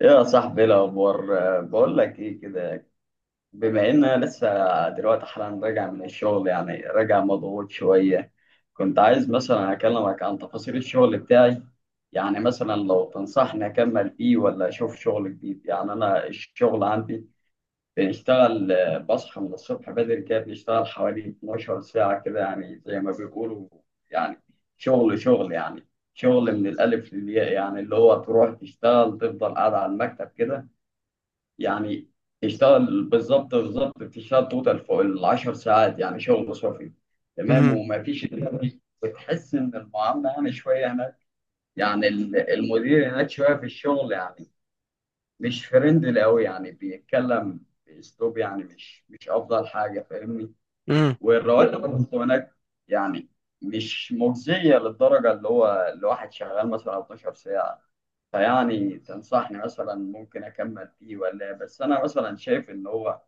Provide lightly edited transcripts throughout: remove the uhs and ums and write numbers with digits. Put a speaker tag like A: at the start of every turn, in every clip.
A: يا صاحبي، ايه الاخبار؟ بقول لك ايه كده. بما ان انا لسه دلوقتي حالا راجع من الشغل، يعني راجع مضغوط شويه. كنت عايز مثلا اكلمك عن تفاصيل الشغل بتاعي، يعني مثلا لو تنصحني اكمل فيه ولا اشوف شغل جديد. يعني انا الشغل عندي بنشتغل، بصحى من الصبح بدري كده، بنشتغل حوالي 12 ساعه كده يعني، زي ما بيقولوا، يعني شغل شغل يعني. شغل من الالف للياء، يعني اللي هو تروح تشتغل تفضل قاعد على المكتب كده يعني. يشتغل بالظبط بالظبط، بتشتغل توتال فوق العشر ساعات يعني، شغل صافي تمام.
B: مهم.
A: ومفيش بتحس ان المعامله يعني شويه هناك، يعني المدير هناك شويه في الشغل يعني، مش فريندلي قوي يعني. بيتكلم باسلوب يعني مش افضل حاجه، فاهمني.
B: مم.
A: والرواتب برضه هناك يعني مش مجزيه للدرجه، اللي هو الواحد شغال مثلا 12 ساعه. فيعني تنصحني مثلا ممكن اكمل فيه ولا إيه؟ بس انا مثلا شايف ان هو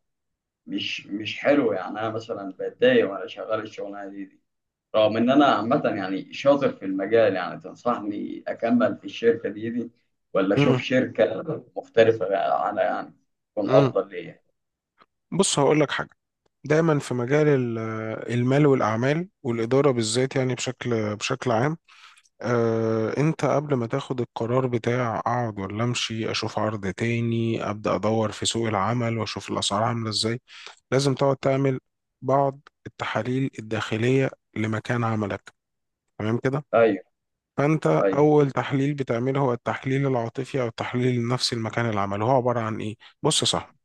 A: مش حلو، يعني انا مثلا بتضايق وانا شغال الشغلانه دي، رغم ان انا عامه يعني شاطر في المجال. يعني تنصحني اكمل في الشركه دي ولا اشوف
B: مم.
A: شركه مختلفه بقى عنها، يعني تكون
B: مم.
A: افضل ليا.
B: بص هقول لك حاجه. دايما في مجال المال والاعمال والاداره، بالذات يعني بشكل عام. انت قبل ما تاخد القرار بتاع اقعد ولا امشي، اشوف عرض تاني، ابدا ادور في سوق العمل واشوف الاسعار عامله ازاي. لازم تقعد تعمل بعض التحاليل الداخليه لمكان عملك، تمام كده.
A: ايوه،
B: فانت
A: ايوه،
B: اول تحليل بتعمله هو التحليل العاطفي او التحليل النفسي لمكان العمل، هو عباره عن ايه؟ بص صح.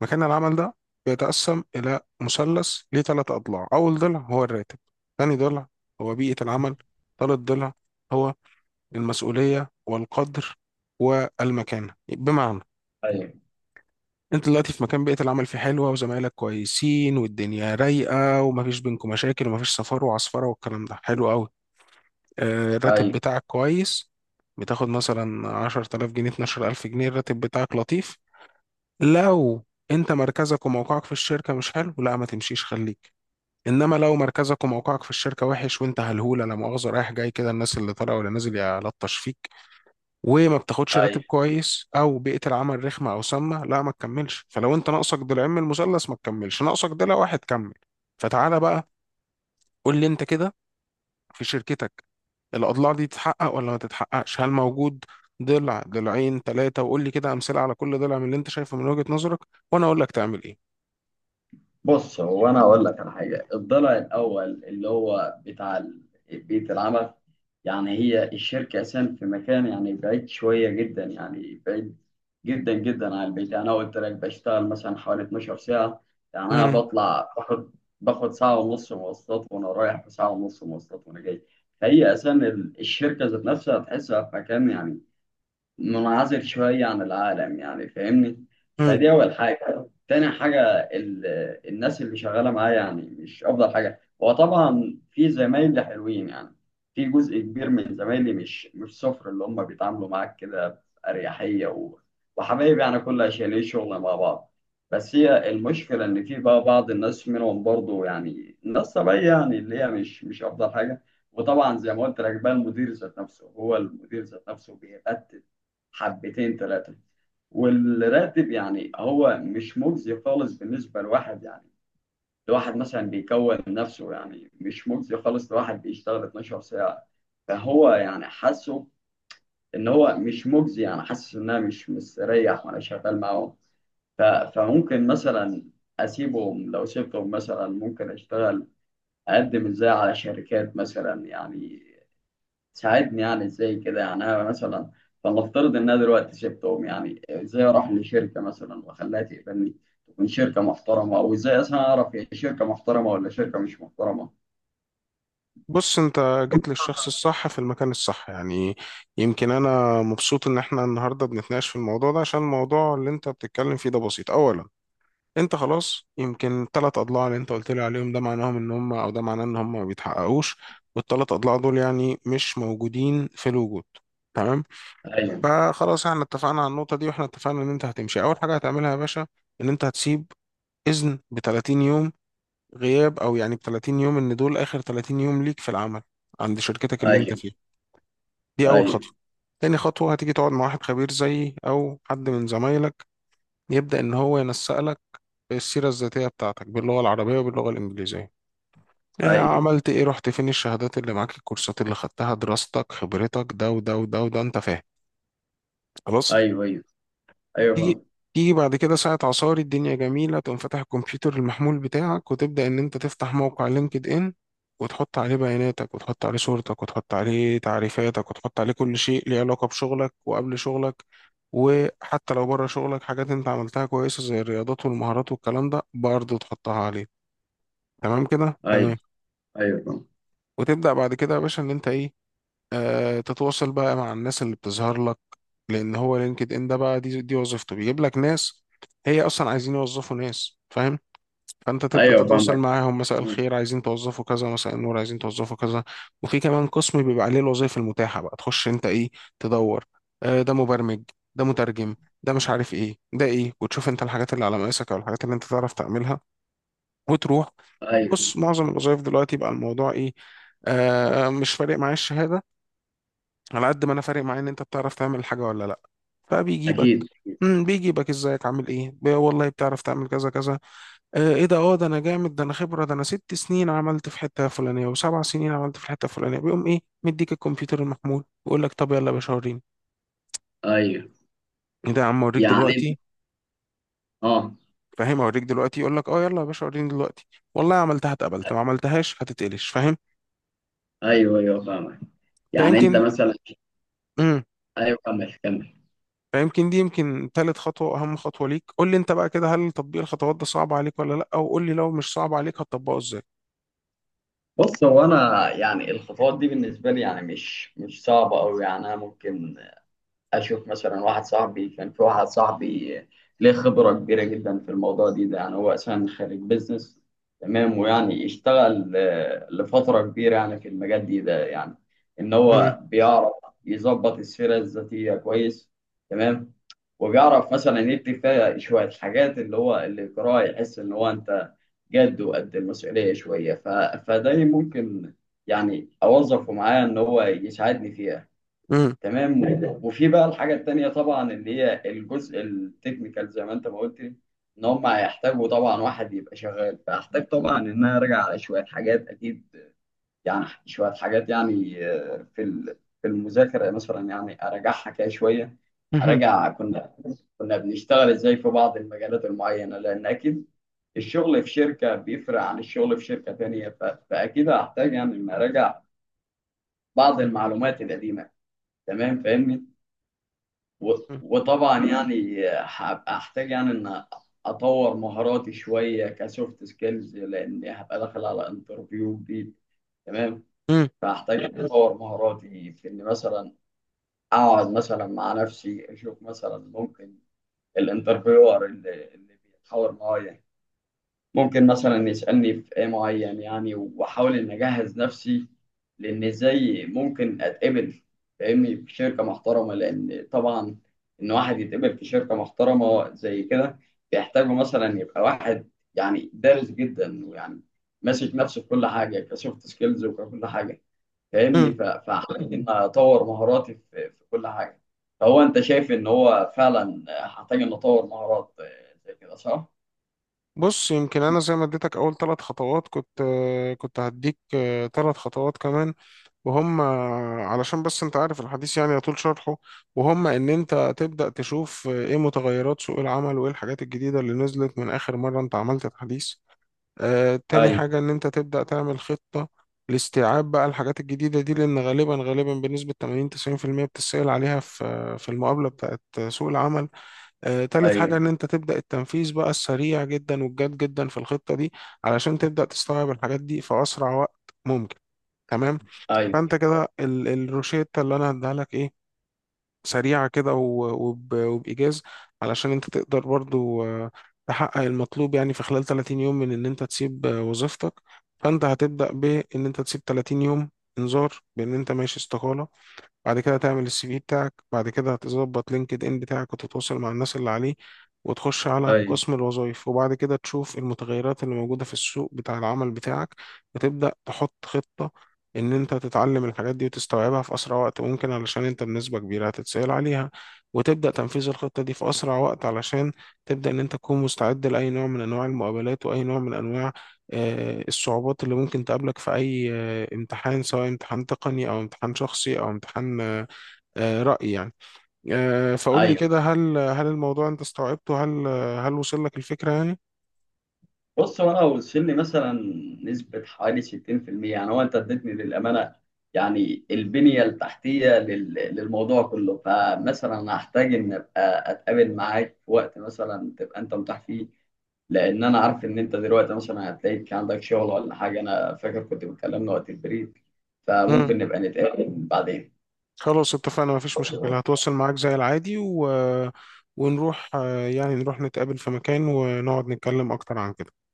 B: مكان العمل ده بيتقسم إلى مثلث ليه ثلاث أضلاع. أول ضلع هو الراتب، ثاني ضلع هو بيئة العمل، ثالث ضلع هو المسؤولية والقدر والمكانة. بمعنى
A: ايوه،
B: أنت دلوقتي في مكان بيئة العمل فيه حلوة وزمايلك كويسين والدنيا رايقة ومفيش بينكم مشاكل ومفيش سفر وعصفرة والكلام ده، حلو قوي. الراتب
A: ايوه،
B: بتاعك كويس، بتاخد مثلا 10000 جنيه 12000 جنيه، الراتب بتاعك لطيف. لو انت مركزك وموقعك في الشركة مش حلو، لا ما تمشيش خليك. انما لو مركزك وموقعك في الشركة وحش وانت هلهولة لا مؤاخذة رايح جاي كده الناس اللي طالعه ولا نازل يلطش فيك، وما بتاخدش راتب
A: ايوه.
B: كويس او بيئة العمل رخمة او سامة، لا ما تكملش. فلو انت ناقصك ضلعين من المثلث ما تكملش، ناقصك ضلع واحد كمل. فتعالى بقى قول لي انت كده في شركتك الاضلاع دي تتحقق ولا ما تتحققش؟ هل موجود ضلع، ضلعين، ثلاثة؟ وقول لي كده امثلة على كل ضلع من اللي انت شايفه من وجهة نظرك، وانا اقول لك تعمل ايه.
A: بص، هو انا اقول لك على حاجه، الضلع الاول اللي هو بتاع بيئه العمل. يعني هي الشركه اساسا في مكان يعني بعيد شويه جدا، يعني بعيد جدا جدا عن البيت. يعني انا قلت لك بشتغل مثلا حوالي 12 ساعه، يعني انا
B: مم.
A: بطلع باخد ساعه ونص مواصلات وانا رايح، وساعه ونص مواصلات وانا جاي. فهي اساسا الشركه ذات نفسها تحسها في مكان يعني منعزل شوية عن العالم، يعني فاهمني.
B: مم.
A: فدي أول حاجة. تاني حاجة، ال... الناس اللي شغالة معايا يعني مش أفضل حاجة. وطبعا في زمايلي حلوين يعني، في جزء كبير من زمايلي مش صفر، اللي هم بيتعاملوا معاك كده بأريحية وحبايب يعني، كل عشان ايه، شغل مع بعض. بس هي المشكلة إن في بقى بعض الناس منهم برضو يعني ناس طبيعية، يعني اللي هي مش أفضل حاجة. وطبعا زي ما قلت لك بقى، المدير ذات نفسه، هو المدير ذات نفسه بيبت حبتين ثلاثة. والراتب يعني هو مش مجزي خالص بالنسبة لواحد، يعني لواحد مثلا بيكون نفسه، يعني مش مجزي خالص لواحد بيشتغل 12 ساعة. فهو يعني حاسه إن هو مش مجزي، يعني حاسس إن أنا مش مستريح وأنا شغال معاهم. ف- فممكن مثلا أسيبهم. لو سبتهم مثلا، ممكن أشتغل أقدم إزاي على شركات مثلا؟ يعني ساعدني يعني ازاي كده. يعني انا مثلا، فلنفترض ان انا دلوقتي سبتهم، يعني ازاي اروح لشركه مثلا واخليها تقبلني، تكون شركه محترمه؟ او ازاي اصلا اعرف هي شركه محترمه ولا شركه مش محترمه؟
B: بص انت جيت للشخص الصح في المكان الصح يعني. يمكن انا مبسوط ان احنا النهارده بنتناقش في الموضوع ده، عشان الموضوع اللي انت بتتكلم فيه ده بسيط. اولا انت خلاص يمكن الثلاث اضلاع اللي انت قلت لي عليهم ده معناهم ان هم، او ده معناه ان هم ما بيتحققوش، والثلاث اضلاع دول يعني مش موجودين في الوجود، تمام.
A: ايوه.
B: فخلاص احنا اتفقنا على النقطه دي، واحنا اتفقنا ان انت هتمشي. اول حاجه هتعملها يا باشا ان انت هتسيب اذن ب 30 يوم غياب، او يعني ب 30 يوم ان دول اخر 30 يوم ليك في العمل عند شركتك اللي انت
A: ايوه.
B: فيها. دي اول
A: ايوه.
B: خطوه. تاني خطوه هتيجي تقعد مع واحد خبير زيي او حد من زمايلك يبدا ان هو ينسق لك السيره الذاتيه بتاعتك باللغه العربيه وباللغه الانجليزيه.
A: ايوه.
B: عملت ايه، رحت فين، الشهادات اللي معاك، الكورسات اللي خدتها، دراستك، خبرتك، ده وده وده وده، انت فاهم؟ خلاص.
A: ايوه. ايوه. ايوه،
B: تيجي
A: فاهم.
B: تيجي بعد كده ساعة عصاري، الدنيا جميلة، تقوم فاتح الكمبيوتر المحمول بتاعك وتبدأ إن أنت تفتح موقع لينكد إن، وتحط عليه بياناتك وتحط عليه صورتك وتحط عليه تعريفاتك وتحط عليه كل شيء ليه علاقة بشغلك وقبل شغلك، وحتى لو بره شغلك حاجات أنت عملتها كويسة زي الرياضات والمهارات والكلام ده برضه تحطها عليه. تمام كده؟
A: ايوه،
B: تمام.
A: ايوه، فاهم.
B: وتبدأ بعد كده يا باشا إن أنت إيه؟ تتواصل بقى مع الناس اللي بتظهر لك. لان هو لينكد ان ده بقى دي وظيفته، بيجيب لك ناس هي اصلا عايزين يوظفوا ناس، فاهم؟ فانت تبدا
A: ايوه،
B: تتواصل
A: فاهمك.
B: معاهم، مساء الخير عايزين توظفوا كذا، مساء النور عايزين توظفوا كذا. وفي كمان قسم بيبقى عليه الوظائف المتاحه، بقى تخش انت ايه، تدور. ده مبرمج، ده مترجم، ده مش عارف ايه، ده ايه. وتشوف انت الحاجات اللي على مقاسك او الحاجات اللي انت تعرف تعملها وتروح.
A: ايوه،
B: بص معظم الوظائف دلوقتي بقى الموضوع ايه؟ آه مش فارق معايا الشهاده، على قد ما انا فارق معايا ان انت بتعرف تعمل الحاجه ولا لا. فبيجيبك
A: اكيد.
B: بيجيبك ازيك عامل ايه، والله بتعرف تعمل كذا كذا؟ آه ايه ده، اه ده انا جامد، ده انا خبره، ده انا ست سنين عملت في حته فلانيه وسبع سنين عملت في الحته الفلانيه. بيقوم ايه، مديك الكمبيوتر المحمول ويقول لك طب يلا يا باشا وريني
A: ايوه،
B: ايه ده، يا عم اوريك
A: يعني انت.
B: دلوقتي
A: اه،
B: فاهم اوريك دلوقتي. يقول لك اه يلا يا باشا وريني دلوقتي. والله عملتها اتقبلت، ما عملتهاش هتتقلش، فاهم؟
A: ايوه، ايوه، فاهمك. يعني انت
B: فيمكن
A: مثلا. ايوه، كمل، كمل.
B: فيمكن دي يمكن تالت خطوة وأهم خطوة ليك. قول لي أنت بقى كده، هل تطبيق الخطوات ده صعب عليك ولا لأ؟ وقول لي لو مش صعب عليك هتطبقه إزاي.
A: بص، هو انا يعني الخطوات دي بالنسبه لي يعني مش صعبه قوي، يعني انا ممكن اشوف مثلا واحد صاحبي، كان في واحد صاحبي ليه خبره كبيره جدا في الموضوع ده، يعني هو اساسا خريج بيزنس تمام. ويعني اشتغل لفتره كبيره يعني في المجال ده، يعني ان
B: مم.
A: هو بيعرف يظبط السيره الذاتيه كويس تمام. وبيعرف مثلا يكتب فيها شويه حاجات اللي هو اللي يقراها يحس ان هو انت جد وقد المسؤوليه شويه. فده ممكن يعني اوظفه معايا ان هو يساعدني فيها
B: مم.
A: تمام. وفي بقى الحاجة التانية طبعا، اللي هي الجزء التكنيكال زي ما انت ما قلت لي، ان هم هيحتاجوا طبعا واحد يبقى شغال. فاحتاج طبعا ان انا ارجع على شوية حاجات اكيد، يعني شوية حاجات يعني في المذاكرة مثلا، يعني اراجعها كده شوية.
B: مهم.
A: اراجع كنا بنشتغل ازاي في بعض المجالات المعينة، لان اكيد الشغل في شركة بيفرق عن الشغل في شركة تانية. فاكيد هحتاج يعني ان اراجع بعض المعلومات القديمة تمام، فاهمني. و-
B: مم.
A: وطبعا يعني هبقى احتاج يعني ان اطور مهاراتي شويه كسوفت سكيلز، لاني هبقى داخل على انترفيو جديد تمام.
B: مم.
A: فاحتاج إني اطور مهاراتي في اني مثلا اقعد مثلا مع نفسي، اشوف مثلا ممكن الانترفيور اللي بيتحاور معايا ممكن مثلا يسألني في ايه معين، يعني واحاول ان اجهز نفسي. لان ازاي ممكن اتقبل، فاهمني، في شركة محترمة؟ لان طبعا ان واحد يتقبل في شركة محترمة زي كده، بيحتاجوا مثلا يبقى واحد يعني دارس جدا، ويعني ماسك نفسه في كل حاجة كسوفت سكيلز وكل حاجة، فاهمني.
B: مم.
A: فحاول ان اطور مهاراتي في كل حاجة. فهو انت شايف ان هو فعلا هحتاج ان اطور مهارات زي كده، صح؟
B: بص يمكن أنا زي ما اديتك أول ثلاث خطوات كنت، كنت هديك ثلاث خطوات كمان. وهم علشان بس أنت عارف، الحديث يعني يطول شرحه. وهم إن أنت تبدأ تشوف إيه متغيرات سوق العمل وإيه الحاجات الجديدة اللي نزلت من آخر مرة أنت عملت الحديث. تاني
A: ايوه.
B: حاجة إن أنت تبدأ تعمل خطة لاستيعاب بقى الحاجات الجديدة دي، لأن غالبا غالبا بنسبة 80 90% بتسأل عليها في المقابلة بتاعت سوق العمل. تالت حاجة
A: ايوه.
B: إن أنت تبدأ التنفيذ بقى السريع جدا والجاد جدا في الخطة دي، علشان تبدأ تستوعب الحاجات دي في أسرع وقت ممكن، تمام.
A: ايوه.
B: فأنت كده الروشتة اللي أنا هديها لك إيه؟ سريعة كده وبإيجاز، علشان أنت تقدر برضو تحقق المطلوب، يعني في خلال 30 يوم من إن أنت تسيب وظيفتك. فأنت هتبدأ بإن أنت تسيب 30 يوم إنذار بإن أنت ماشي استقالة. بعد كده تعمل السي في بتاعك، بعد كده هتظبط لينكد ان بتاعك وتتواصل مع الناس اللي عليه، وتخش على
A: ايوه.
B: قسم الوظائف، وبعد كده تشوف المتغيرات اللي موجودة في السوق بتاع العمل بتاعك، وتبدأ تحط خطة ان انت تتعلم الحاجات دي وتستوعبها في اسرع وقت ممكن علشان انت بنسبة كبيرة هتتسأل عليها، وتبدأ تنفيذ الخطة دي في اسرع وقت علشان تبدأ ان انت تكون مستعد لأي نوع من انواع المقابلات واي نوع من انواع الصعوبات اللي ممكن تقابلك في اي امتحان، سواء امتحان تقني او امتحان شخصي او امتحان رأي يعني. فقول لي
A: ايوه.
B: كده، هل الموضوع انت استوعبته؟ هل وصل لك الفكرة يعني؟
A: بص، هو انا وصل لي مثلا نسبه حوالي 60%، يعني هو انت اديتني للامانه يعني البنيه التحتيه للموضوع كله. فمثلا أنا هحتاج ان ابقى اتقابل معاك في وقت مثلا تبقى انت متاح فيه، لان انا عارف ان انت دلوقتي مثلا هتلاقيك عندك شغل ولا حاجه. انا فاكر كنت بتكلمنا وقت البريد،
B: مم.
A: فممكن نبقى نتقابل بعدين.
B: خلاص اتفقنا، مفيش مشكلة. هتواصل معاك زي العادي، ونروح يعني نروح نتقابل في مكان ونقعد نتكلم اكتر عن كده.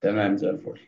A: تمام، زي الفل.